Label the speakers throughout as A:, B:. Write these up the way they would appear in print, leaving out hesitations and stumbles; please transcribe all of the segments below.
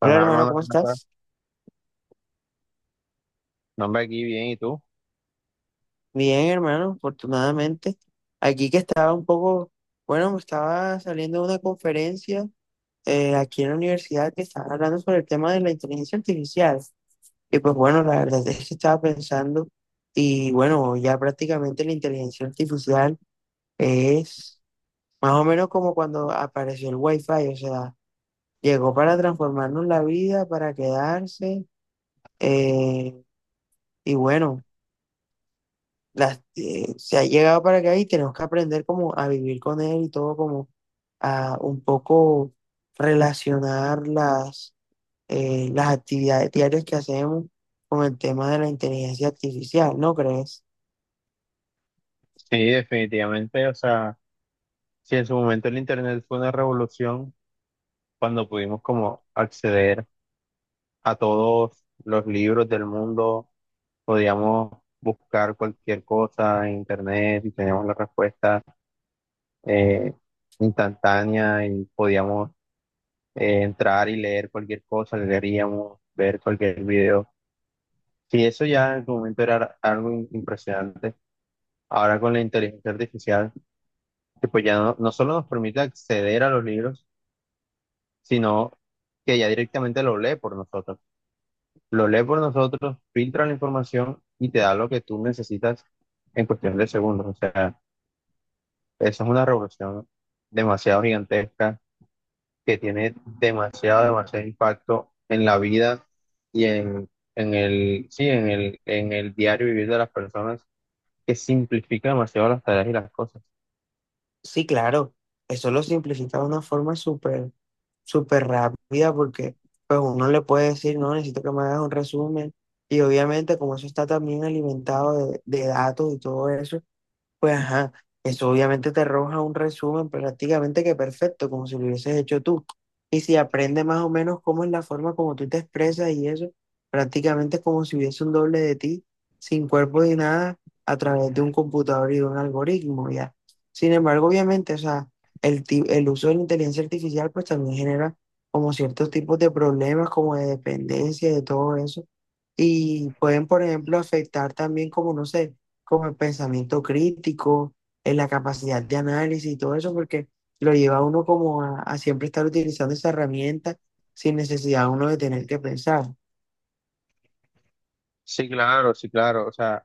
A: Hola
B: Ajá,
A: hermano,
B: hermano,
A: ¿cómo
B: ¿cómo
A: estás?
B: no, hombre, aquí bien, ¿y tú?
A: Bien hermano, afortunadamente. Aquí que estaba un poco, bueno, me estaba saliendo de una conferencia aquí en la universidad que estaba hablando sobre el tema de la inteligencia artificial. Y pues bueno, la verdad es que estaba pensando y bueno, ya prácticamente la inteligencia artificial es más o menos como cuando apareció el Wi-Fi, o sea, llegó para transformarnos la vida, para quedarse eh, y bueno, las se ha llegado para acá y tenemos que aprender como a vivir con él y todo como a un poco relacionar las las actividades diarias que hacemos con el tema de la inteligencia artificial, ¿no crees?
B: Sí, definitivamente, o sea, si en su momento el Internet fue una revolución, cuando pudimos como acceder a todos los libros del mundo, podíamos buscar cualquier cosa en Internet y teníamos la respuesta eh, instantánea y podíamos entrar y leer cualquier cosa, leeríamos, ver cualquier video. Sí, eso ya en su momento era algo impresionante. Ahora con la inteligencia artificial, que pues ya no, no solo nos permite acceder a los libros, sino que ya directamente lo lee por nosotros. Lo lee por nosotros, filtra la información y te da lo que tú necesitas en cuestión de segundos. O sea, esa es una revolución demasiado gigantesca que tiene demasiado, demasiado impacto en la vida y en el, sí, en el diario vivir de las personas, que simplifica demasiado las tareas y las cosas.
A: Sí, claro, eso lo simplifica de una forma súper, súper rápida porque pues uno le puede decir, no, necesito que me hagas un resumen y obviamente como eso está también alimentado de datos y todo eso. Pues ajá, eso obviamente te arroja un resumen prácticamente que perfecto, como si lo hubieses hecho tú. Y si aprende más o menos cómo es la forma como tú te expresas y eso, prácticamente es como si hubiese un doble de ti, sin cuerpo ni nada, a través de un computador y de un algoritmo, ya. Sin embargo, obviamente, o sea, el uso de la inteligencia artificial pues también genera como ciertos tipos de problemas, como de dependencia, de todo eso. Y pueden, por ejemplo, afectar también como, no sé, como el pensamiento crítico, en la capacidad de análisis y todo eso, porque lo lleva a uno como a siempre estar utilizando esa herramienta sin necesidad uno de tener que pensar.
B: Sí, claro, sí, claro. O sea,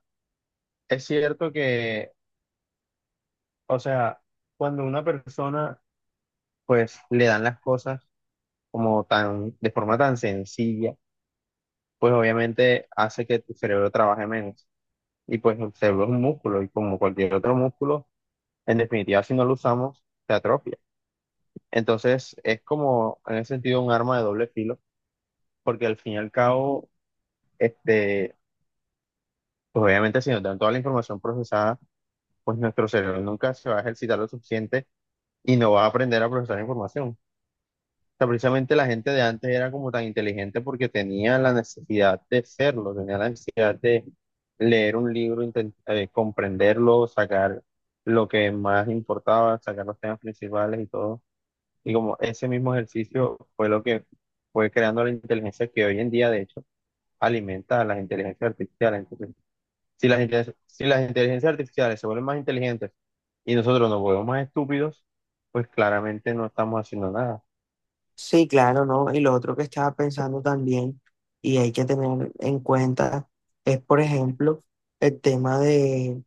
B: es cierto que o sea, cuando una persona pues le dan las cosas como tan, de forma tan sencilla, pues obviamente hace que tu cerebro trabaje menos. Y pues el cerebro es un músculo y como cualquier otro músculo, en definitiva si no lo usamos, se atrofia. Entonces es como en ese sentido un arma de doble filo, porque al fin y al cabo, este, pues obviamente si nos dan toda la información procesada, pues nuestro cerebro nunca se va a ejercitar lo suficiente y no va a aprender a procesar información. Sea, precisamente la gente de antes era como tan inteligente porque tenía la necesidad de serlo, tenía la necesidad de leer un libro, comprenderlo, sacar lo que más importaba, sacar los temas principales y todo. Y como ese mismo ejercicio fue lo que fue creando la inteligencia que hoy en día, de hecho, alimenta a las inteligencias artificiales. Entonces, si las inteligencias artificiales se vuelven más inteligentes y nosotros nos volvemos más estúpidos, pues claramente no estamos haciendo nada.
A: Sí, claro, ¿no? Y lo otro que estaba pensando también y hay que tener en cuenta es, por ejemplo, el tema de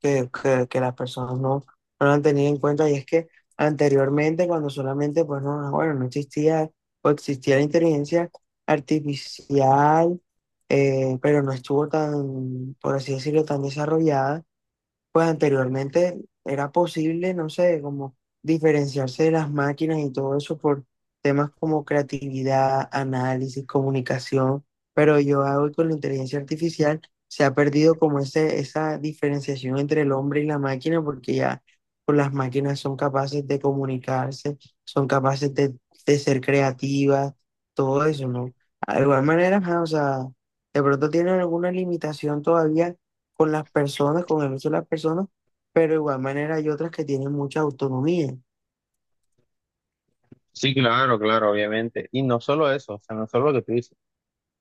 A: que las personas no lo han tenido en cuenta y es que anteriormente cuando solamente pues no, ah, bueno, no existía o existía la inteligencia artificial, pero no estuvo tan, por así decirlo, tan desarrollada, pues anteriormente era posible, no sé, como diferenciarse de las máquinas y todo eso por temas como creatividad, análisis, comunicación, pero yo hoy con la inteligencia artificial se ha perdido como esa diferenciación entre el hombre y la máquina porque ya pues las máquinas son capaces de comunicarse, son capaces de ser creativas, todo eso, ¿no? Ah, de igual manera, ajá, o sea, de pronto tienen alguna limitación todavía con las personas, con el uso de las personas, pero de igual manera hay otras que tienen mucha autonomía,
B: Sí, claro, claro, obviamente. Y no solo eso, o sea, no solo lo que tú dices,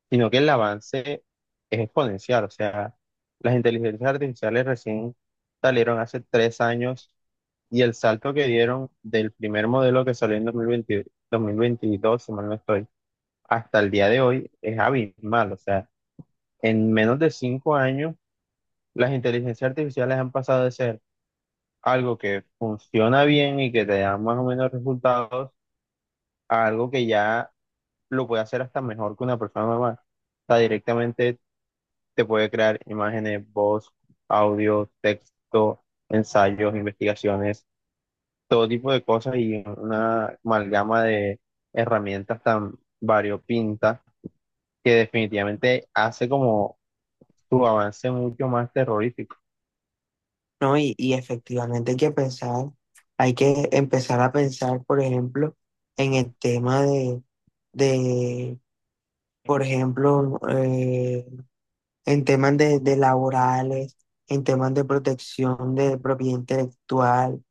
B: sino que el avance es exponencial. O sea, las inteligencias artificiales recién salieron hace 3 años y el salto que dieron del primer modelo que salió en 2020 2022, si mal no estoy, hasta el día de hoy es abismal. O sea, en menos de 5 años, las inteligencias artificiales han pasado de ser algo que funciona bien y que te da más o menos resultados a algo que ya lo puede hacer hasta mejor que una persona normal. O sea, directamente te puede crear imágenes, voz, audio, texto, ensayos, investigaciones, todo tipo de cosas y una amalgama de herramientas tan variopintas que definitivamente hace como tu avance mucho más terrorífico.
A: ¿no? Y efectivamente hay que pensar, hay que empezar a pensar, por ejemplo, en el tema de, por ejemplo, en temas de laborales, en temas de protección de propiedad intelectual.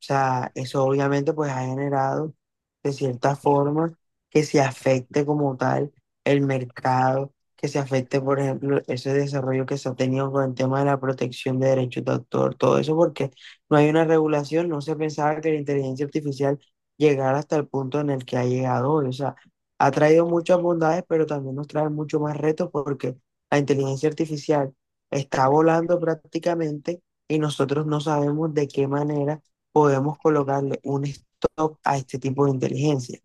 A: O sea, eso obviamente pues ha generado de cierta forma que se afecte como tal el mercado, que se afecte, por ejemplo, ese desarrollo que se ha tenido con el tema de la protección de derechos de autor, todo eso porque no hay una regulación, no se pensaba que la inteligencia artificial llegara hasta el punto en el que ha llegado hoy. O sea, ha traído muchas bondades, pero también nos trae mucho más retos porque la inteligencia artificial está volando prácticamente y nosotros no sabemos de qué manera podemos colocarle un stop a este tipo de inteligencia.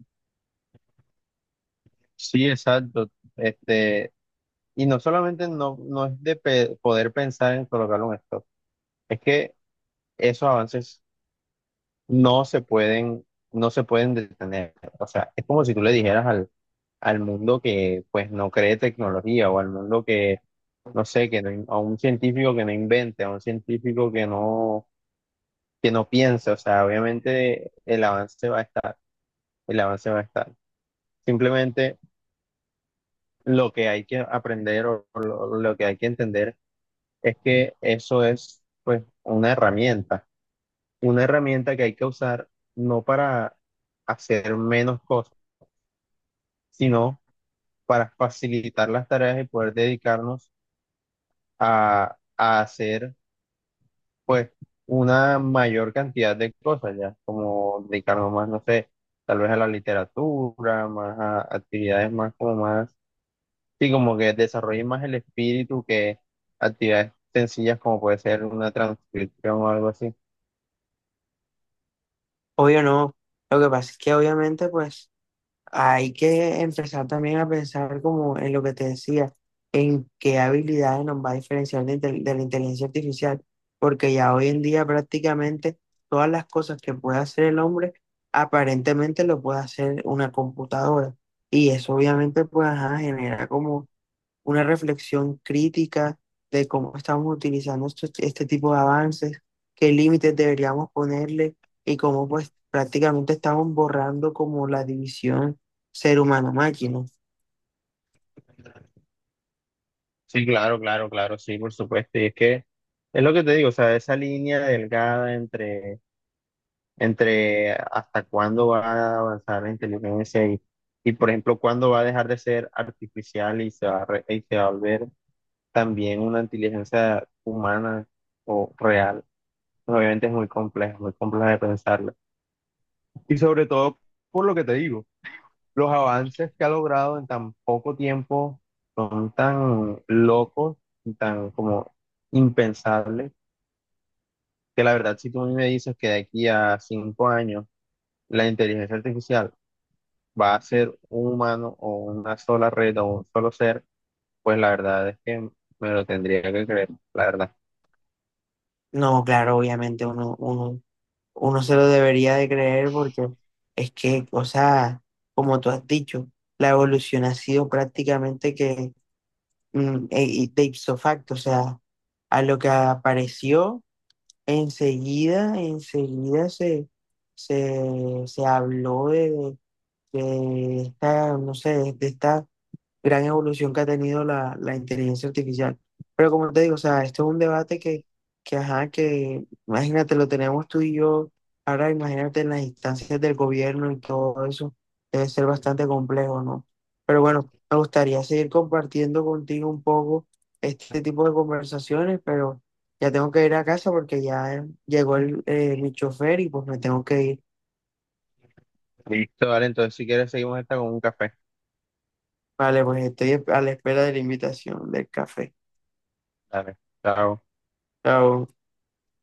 B: Sí, exacto. Este, y no solamente no es de poder pensar en colocarlo en esto, es que esos avances no se pueden, no se pueden detener. O sea, es como si tú le dijeras al mundo que pues no cree tecnología o al mundo que, no sé, que no in- a un científico que no invente, a un científico que no piense. O sea, obviamente el avance va a estar, el avance va a estar. Simplemente lo que hay que aprender o lo que hay que entender es que eso es pues una herramienta que hay que usar no para hacer menos cosas sino para facilitar las tareas y poder dedicarnos a hacer pues una mayor cantidad de cosas ya, como dedicarnos más, no sé, tal vez a la literatura, más a actividades más como más, sí, como que desarrollen más el espíritu que actividades sencillas como puede ser una transcripción o algo así.
A: Obvio no. Lo que pasa es que obviamente pues hay que empezar también a pensar como en lo que te decía, en qué habilidades nos va a diferenciar de la inteligencia artificial, porque ya hoy en día prácticamente todas las cosas que puede hacer el hombre aparentemente lo puede hacer una computadora. Y eso obviamente pues ajá, genera como una reflexión crítica de cómo estamos utilizando este tipo de avances, qué límites deberíamos ponerle y cómo pues prácticamente estamos borrando como la división ser humano-máquina.
B: Sí, claro, claro, claro, sí, por supuesto. Y es que es lo que te digo, o sea, esa línea delgada entre hasta cuándo va a avanzar la inteligencia y, por ejemplo, cuándo va a dejar de ser artificial y se va a volver también una inteligencia humana o real. Obviamente es muy complejo de pensarlo. Y sobre todo, por lo que te digo, los avances que ha logrado en tan poco tiempo son tan locos y tan como impensables que la verdad, si tú a mí me dices que de aquí a 5 años, la inteligencia artificial va a ser un humano o una sola red o un solo ser, pues la verdad es que me lo tendría que creer, la verdad.
A: No, claro, obviamente uno, uno, uno se lo debería de creer porque es que, o sea, como tú has dicho, la evolución ha sido prácticamente que y de ipso facto, o sea, a lo que apareció enseguida, enseguida se habló de esta, no sé, de esta gran evolución que ha tenido la inteligencia artificial. Pero como te digo, o sea, esto es un debate ajá, que imagínate, lo tenemos tú y yo, ahora imagínate en las instancias del gobierno y todo eso, debe ser bastante complejo, ¿no? Pero bueno, me gustaría seguir compartiendo contigo un poco este tipo de conversaciones, pero ya tengo que ir a casa porque ya llegó mi chofer y pues me tengo que ir.
B: Listo, vale, entonces si quieres seguimos esta con un café.
A: Vale, pues estoy a la espera de la invitación del café.
B: Dale, chao.
A: Chao.